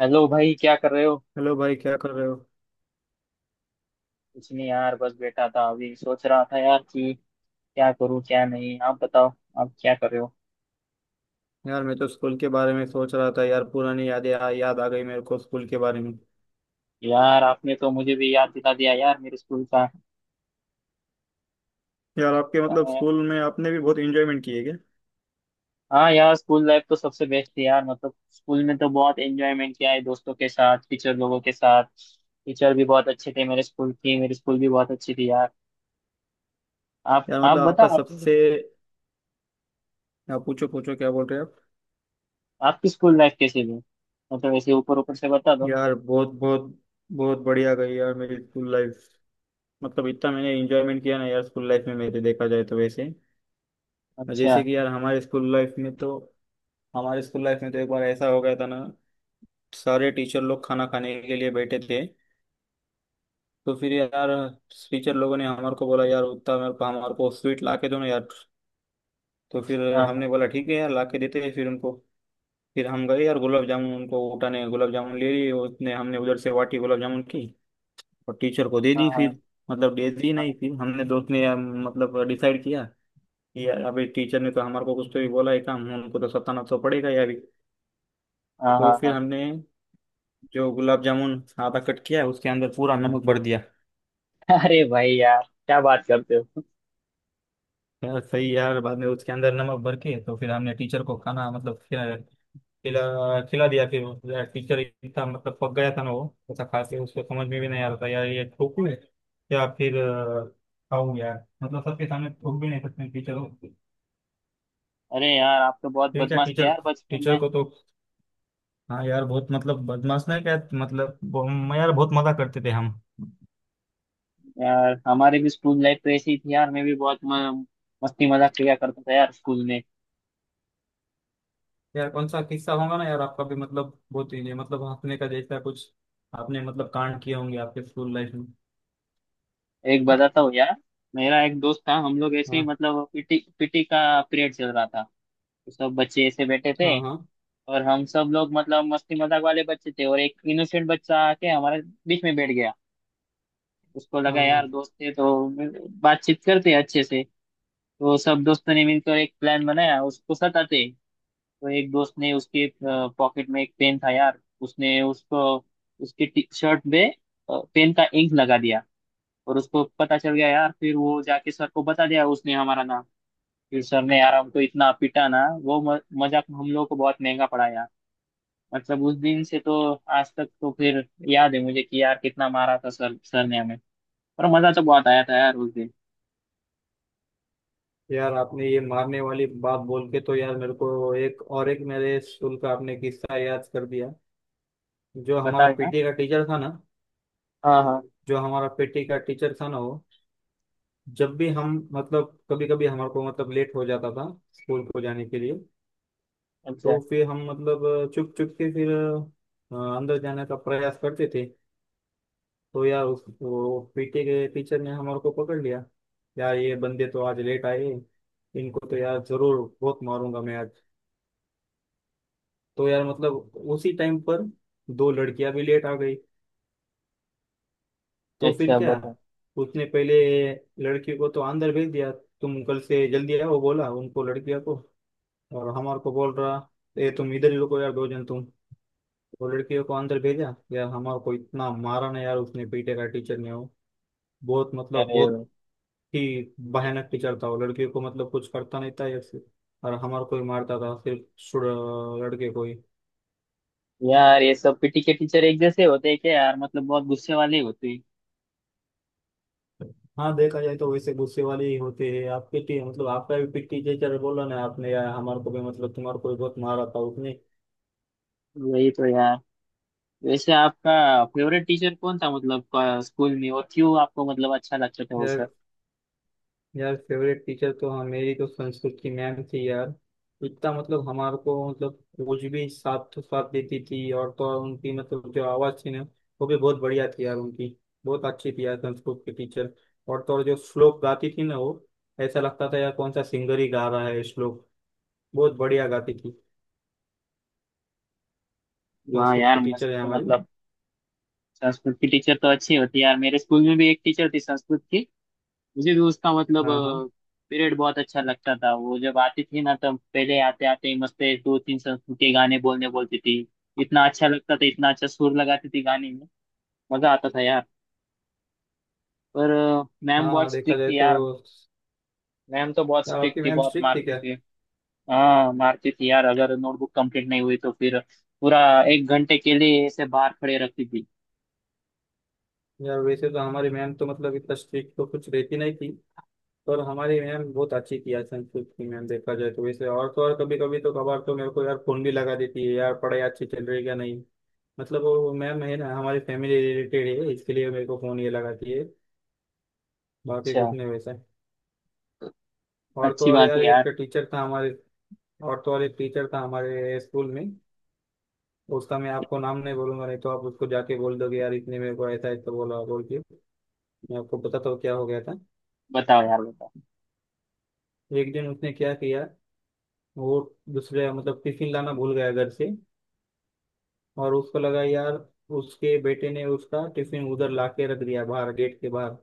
Hello भाई क्या कर रहे हो। हेलो भाई क्या कर रहे हो। कुछ नहीं यार, बस बैठा था। अभी सोच रहा था यार कि क्या करूं क्या नहीं। आप बताओ, आप क्या कर रहे हो। यार मैं तो स्कूल के बारे में सोच रहा था यार। पुरानी यादें याद आ गई मेरे को स्कूल के बारे में। यार आपने तो मुझे भी याद दिला दिया यार मेरे स्कूल का। यार आपके मतलब अ, स्कूल में आपने भी बहुत एंजॉयमेंट किए क्या। हाँ यार, स्कूल लाइफ तो सबसे बेस्ट थी यार। मतलब स्कूल में तो बहुत एंजॉयमेंट किया है दोस्तों के साथ, टीचर लोगों के साथ। टीचर भी बहुत अच्छे थे मेरे स्कूल की। मेरी स्कूल भी बहुत अच्छी थी यार। आप यार आप मतलब बता आपका सबसे। यार पूछो पूछो क्या बोल रहे हो आप। आपकी स्कूल लाइफ कैसी थी। मतलब ऐसे ऊपर ऊपर से बता दो। यार बहुत बहुत बहुत बढ़िया गई यार मेरी स्कूल लाइफ। मतलब इतना मैंने एंजॉयमेंट किया ना यार स्कूल लाइफ में मेरे, देखा जाए तो वैसे। अच्छा। जैसे कि यार हमारे स्कूल लाइफ में तो हमारे स्कूल लाइफ में तो एक बार ऐसा हो गया था ना। सारे टीचर लोग खाना खाने के लिए बैठे थे। तो फिर यार टीचर लोगों ने हमारे को बोला यार, उतना मेरे को, हमारे को स्वीट ला के दो ना यार। तो फिर हाँ हमने हाँ बोला ठीक है यार ला के देते हैं फिर उनको। फिर हम गए यार गुलाब जामुन उनको उठाने, गुलाब जामुन ले लिए उसने, हमने उधर से वाटी गुलाब जामुन की और टीचर को दे हाँ दी हाँ। फिर। मतलब दे दी नहीं, फिर हमने, दोस्त ने यार, मतलब डिसाइड किया कि यार अभी टीचर ने तो हमारे को कुछ तो भी बोला है काम, उनको तो सताना तो पड़ेगा यार अभी। हाँ हाँ तो हाँ फिर हाँ। हमने जो गुलाब जामुन आधा कट किया उसके अंदर पूरा नमक भर दिया। अरे भाई यार, क्या बात करते हो। यार सही यार, बाद में उसके अंदर नमक भर के तो फिर हमने टीचर को खाना मतलब खिला खिला खिला दिया फिर वो। यार टीचर इतना मतलब पक गया था ना वो, ऐसा खा के उसको समझ में भी नहीं आ रहा था यार ये ठोकू है या फिर खाऊ यार। मतलब सबके सामने ठोक भी नहीं सकते टीचर को। अरे यार, आप तो बहुत फिर क्या बदमाश थे टीचर, यार बचपन टीचर में। को तो हाँ यार बहुत मतलब बदमाश नहीं क्या मतलब यार बहुत मजा करते थे हम। यार हमारे भी स्कूल लाइफ तो ऐसी ही थी यार। मैं भी बहुत मस्ती मजाक किया करता था यार स्कूल में। यार कौन सा किस्सा होगा ना यार आपका भी मतलब बहुत ही मतलब हंसने का जैसा कुछ आपने मतलब कांड किए होंगे आपके स्कूल लाइफ में। एक बताता हूँ यार। मेरा एक दोस्त था। हम लोग ऐसे ही, हाँ मतलब पीटी पीटी का पीरियड चल रहा था। तो सब बच्चे ऐसे बैठे थे, हाँ हाँ और हम सब लोग मतलब मस्ती मजाक वाले बच्चे थे। और एक इनोसेंट बच्चा आके हमारे बीच में बैठ गया। उसको हाँ लगा हाँ यार दोस्त है तो बातचीत करते हैं अच्छे से। तो सब दोस्तों ने मिलकर एक प्लान बनाया उसको सताते। तो एक दोस्त ने, उसके पॉकेट में एक पेन था यार, उसने उसको उसकी टी शर्ट में पेन का इंक लगा दिया। और उसको पता चल गया यार। फिर वो जाके सर को बता दिया, उसने हमारा नाम। फिर सर ने यार हमको इतना पीटा ना, वो मजाक हम लोगों को बहुत महंगा पड़ा यार। मतलब उस दिन से तो आज तक तो फिर याद है मुझे कि यार कितना मारा था सर, सर ने हमें। पर मजा तो बहुत आया था यार उस दिन। यार आपने ये मारने वाली बात बोल के तो यार मेरे को एक और एक मेरे स्कूल का आपने किस्सा याद कर दिया। जो हमारा बता यार। पीटी का टीचर था ना हाँ हाँ। जो हमारा पीटी का टीचर था ना वो, जब भी हम मतलब कभी कभी हमारे को मतलब लेट हो जाता था स्कूल को जाने के लिए, अच्छा। तो फिर हम मतलब चुप चुप के फिर अंदर जाने का प्रयास करते थे। तो यार उस, वो पीटी के टीचर ने हमारे को पकड़ लिया। यार ये बंदे तो आज लेट आए, इनको तो यार जरूर बहुत मारूंगा मैं आज। तो यार मतलब उसी टाइम पर दो लड़कियां भी लेट आ गई। तो फिर अच्छा क्या, बताओ। उसने पहले लड़की को तो अंदर भेज दिया, तुम कल से जल्दी आओ बोला उनको, लड़कियों को। और हमारे को बोल रहा, ये तुम इधर ही रुको यार दो जन तुम। तो लड़कियों को अंदर भेजा यार, हमारे को इतना मारा ना यार उसने पीटे का टीचर ने, वो बहुत मतलब अरे बहुत वाह। ही भयानक टीचर था वो। लड़कियों को मतलब कुछ करता नहीं था यार सिर्फ, और हमारे को ही मारता था सिर्फ, लड़के को ही। यार ये सब पीटी के टीचर एक जैसे होते हैं क्या यार, मतलब बहुत गुस्से वाले होते हैं। हाँ, देखा जाए तो वैसे गुस्से वाले ही होते हैं। आप पीटी मतलब आपका भी पीटी टीचर बोला ना आपने, यार हमारे को भी मतलब तुम्हारे को भी बहुत मारा था उसने। वही तो यार। वैसे आपका फेवरेट टीचर कौन था, मतलब स्कूल में, और क्यों आपको मतलब अच्छा लगता था वो सर। यार यार फेवरेट टीचर तो हाँ मेरी तो संस्कृत की मैम थी यार। इतना मतलब हमारे को मतलब कुछ भी साथ तो साथ देती थी। और तो और उनकी मतलब जो आवाज़ थी ना, वो भी बहुत बढ़िया थी यार उनकी। बहुत अच्छी थी यार संस्कृत की टीचर। और तो और जो श्लोक गाती थी ना वो, ऐसा लगता था यार कौन सा सिंगर ही गा रहा है ये श्लोक। बहुत बढ़िया गाती थी वाह संस्कृत यार की मस्त। टीचर है तो हमारी। मतलब संस्कृत की टीचर तो अच्छी होती है यार। मेरे स्कूल में भी एक टीचर थी संस्कृत की। मुझे भी उसका मतलब हाँ हाँ। पीरियड बहुत अच्छा लगता था। वो जब आती थी ना, तब पहले आते आते ही मस्त एक दो तीन संस्कृत के गाने बोलने बोलती थी। इतना अच्छा लगता था, इतना अच्छा सुर लगाती थी गाने में। मजा आता था यार। पर मैम हाँ बहुत देखा स्ट्रिक्ट जाए थी तो, यार। मैम तो बहुत यार आपकी स्ट्रिक्ट थी, मैम बहुत स्ट्रिक्ट थी मारती क्या। थी। हाँ मारती थी यार। अगर नोटबुक कंप्लीट नहीं हुई तो फिर पूरा एक घंटे के लिए ऐसे बाहर खड़े रखती थी। यार वैसे तो हमारी मैम तो मतलब इतना स्ट्रिक्ट तो कुछ रहती नहीं थी। पर हमारी मैम बहुत अच्छी थी यार संस्कृत की मैम देखा जाए तो वैसे। और तो और कभी कभी तो कभार तो मेरे को यार फोन भी लगा देती है यार, पढ़ाई अच्छी चल रही है क्या नहीं। मतलब वो मैम है ना हमारी फैमिली रिलेटेड है, इसके लिए मेरे को फोन ये लगाती है, बाकी अच्छा। कुछ नहीं वैसा। और तो अच्छी और बात यार है एक यार। टीचर था हमारे और तो और एक टीचर था हमारे स्कूल में। उसका मैं आपको नाम नहीं बोलूंगा, नहीं तो आप उसको जाके बोल दोगे यार इतने मेरे को ऐसा ऐसा बोला बोल के। मैं आपको बताता हूँ क्या हो गया था। बताओ यार, बताओ। एक दिन उसने क्या किया, वो दूसरे मतलब टिफिन लाना भूल गया घर से। और उसको लगा यार उसके बेटे ने उसका टिफिन उधर ला के रख दिया बाहर गेट के बाहर।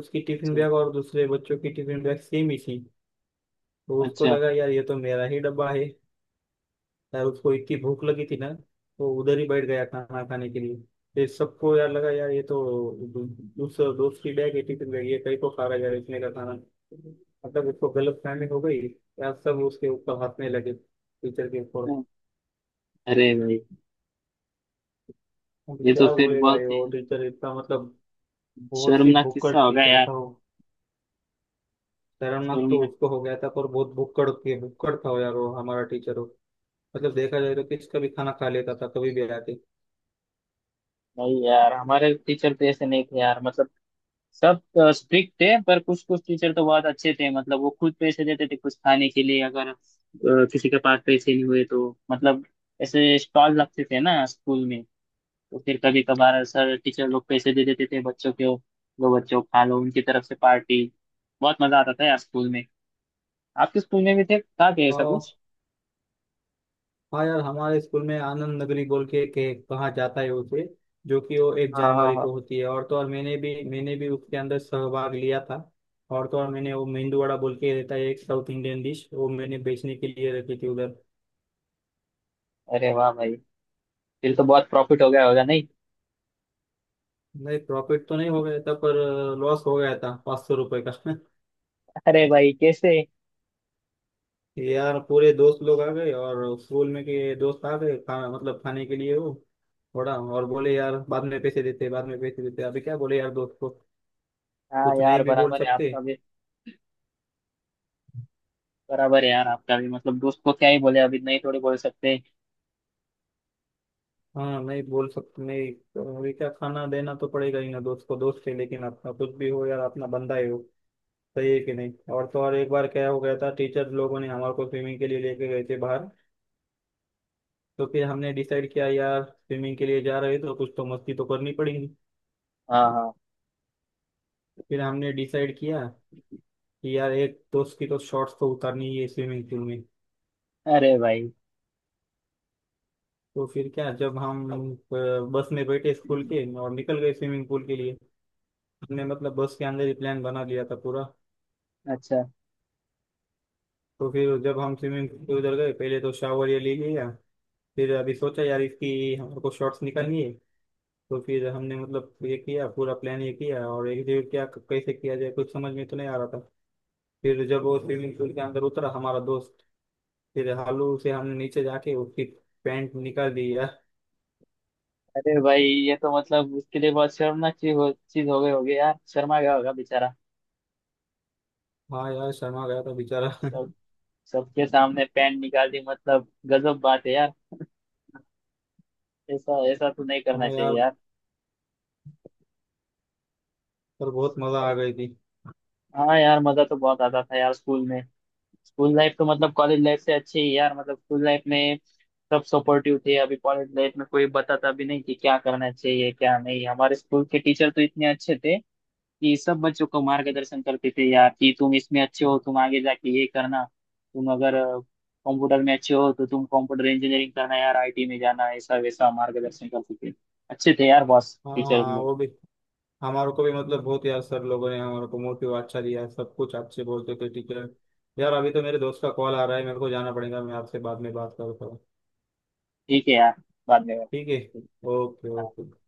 उसकी टिफिन अच्छा। बैग और दूसरे बच्चों की टिफिन बैग सेम ही थी। तो उसको अच्छा। लगा यार ये तो मेरा ही डब्बा है। यार उसको इतनी भूख लगी थी ना, तो उधर ही बैठ गया खाना खाने के लिए। फिर सबको यार लगा यार ये तो उस दोस्त की बैग है, टिफिन बैग, ये कहीं को खा रहा है यार इसने का खाना। मतलब उसको गलत फहमी हो गई। यार सब उसके ऊपर हंसने लगे टीचर के ऊपर। अरे भाई, अब ये तो क्या फिर बोले भाई, बहुत वो ही टीचर इतना मतलब बहुत ही शर्मनाक भुक्कड़ किस्सा होगा टीचर यार। था वो। शर्मनाक तो शर्मनाक। उसको हो गया था पर बहुत भुक्कड़ के भुक्कड़ था वो यार, वो हमारा टीचर हो। मतलब देखा जाए तो किसका भी खाना खा लेता था कभी भी आके। भाई यार हमारे टीचर तो ऐसे नहीं थे यार। मतलब सब स्ट्रिक्ट थे, पर कुछ कुछ टीचर तो बहुत अच्छे थे। मतलब वो खुद पैसे देते थे कुछ खाने के लिए अगर किसी के पास पैसे नहीं हुए तो। मतलब ऐसे स्टॉल लगते थे ना स्कूल में, तो फिर कभी कभार सर टीचर लोग पैसे दे देते थे बच्चों को। लो बच्चों खा लो, उनकी तरफ से पार्टी। बहुत मजा आता था यार स्कूल में। आपके स्कूल में भी थे था क्या ऐसा हाँ। कुछ। हाँ यार हमारे स्कूल में आनंद नगरी बोल के कहा जाता है उसे, जो कि वो एक हाँ हाँ जनवरी हाँ। को होती है। और तो और मैंने भी उसके अंदर सहभाग लिया था। और तो और मैंने वो मेंदू वड़ा बोल के रहता है एक साउथ इंडियन डिश, वो मैंने बेचने के लिए रखी थी उधर। अरे वाह भाई। फिर तो बहुत प्रॉफिट हो गया होगा नहीं। नहीं प्रॉफिट तो नहीं हो गया था पर लॉस हो गया था 500 रुपये का। अरे भाई कैसे। यार पूरे दोस्त लोग आ गए और स्कूल में के दोस्त आ गए मतलब खाने के लिए वो, थोड़ा और बोले यार बाद में पैसे देते बाद में पैसे देते, अभी क्या बोले यार दोस्त को। हाँ कुछ नहीं यार, भी बोल बराबर है सकते। आपका भी। बराबर है यार आपका भी। मतलब दोस्त को क्या ही बोले अब, इतना ही थोड़ी बोल सकते हैं। हाँ नहीं बोल सकते, नहीं तो ये क्या, खाना देना तो पड़ेगा ही ना दोस्त को, दोस्त है लेकिन अपना कुछ भी हो यार अपना बंदा ही हो। सही है कि नहीं। और तो और एक बार क्या हो गया था, टीचर लोगों ने हमारे को स्विमिंग के लिए लेके गए थे बाहर। तो फिर हमने डिसाइड किया यार स्विमिंग के लिए जा रहे हैं तो कुछ तो मस्ती तो करनी पड़ेगी। हाँ हाँ। फिर हमने डिसाइड किया कि यार एक दोस्त की तो शॉर्ट्स तो उतारनी ही है स्विमिंग पूल में। अरे भाई। तो फिर क्या, जब हम अ, बस में बैठे स्कूल हम्म, के और निकल गए स्विमिंग पूल के लिए, हमने मतलब बस के अंदर ही प्लान बना लिया था पूरा। अच्छा। तो फिर जब हम स्विमिंग पूल के उधर गए, पहले तो शावर ये ले लिया। फिर अभी सोचा यार इसकी हमको शॉर्ट्स निकालनी है। तो फिर हमने मतलब ये किया पूरा प्लान, ये किया और एग्जीक्यूट क्या कैसे किया जाए कुछ समझ में तो नहीं आ रहा था। फिर जब वो स्विमिंग पूल के अंदर उतरा हमारा दोस्त, फिर हालू से हमने नीचे जाके उसकी पैंट निकाल दी यार। अरे भाई ये तो मतलब उसके लिए बहुत शर्मनाक चीज हो गई होगी यार, शर्मा गया होगा बेचारा। हाँ यार शर्मा गया था बेचारा। सब सबके सामने पैंट निकाल दी, मतलब गजब बात है यार। ऐसा ऐसा तो नहीं करना हाँ चाहिए यार यार। पर बहुत मजा आ गई थी। हाँ यार, मजा तो बहुत आता था यार स्कूल में। स्कूल लाइफ तो मतलब कॉलेज लाइफ से अच्छी है यार। मतलब स्कूल लाइफ में सब सपोर्टिव थे। अभी कॉलेज लाइफ में कोई बताता भी नहीं कि क्या करना चाहिए क्या नहीं। हमारे स्कूल के टीचर तो इतने अच्छे थे कि सब बच्चों को मार्गदर्शन करते थे यार कि तुम इसमें अच्छे हो, तुम आगे जाके ये करना। तुम अगर कंप्यूटर में अच्छे हो तो तुम कंप्यूटर इंजीनियरिंग करना यार, आईटी में जाना, ऐसा वैसा मार्गदर्शन करते थे। अच्छे थे यार बॉस हाँ टीचर हाँ लोग। वो भी, हमारे को भी मतलब बहुत यार सर लोगों ने हमारे को मोटिव अच्छा दिया, सब कुछ अच्छे बोलते थे टीचर। यार अभी तो मेरे दोस्त का कॉल आ रहा है मेरे को जाना पड़ेगा, मैं आपसे बाद में बात करता हूँ। ठीक है यार, बाद में। ठीक है। ओके हाँ। ओके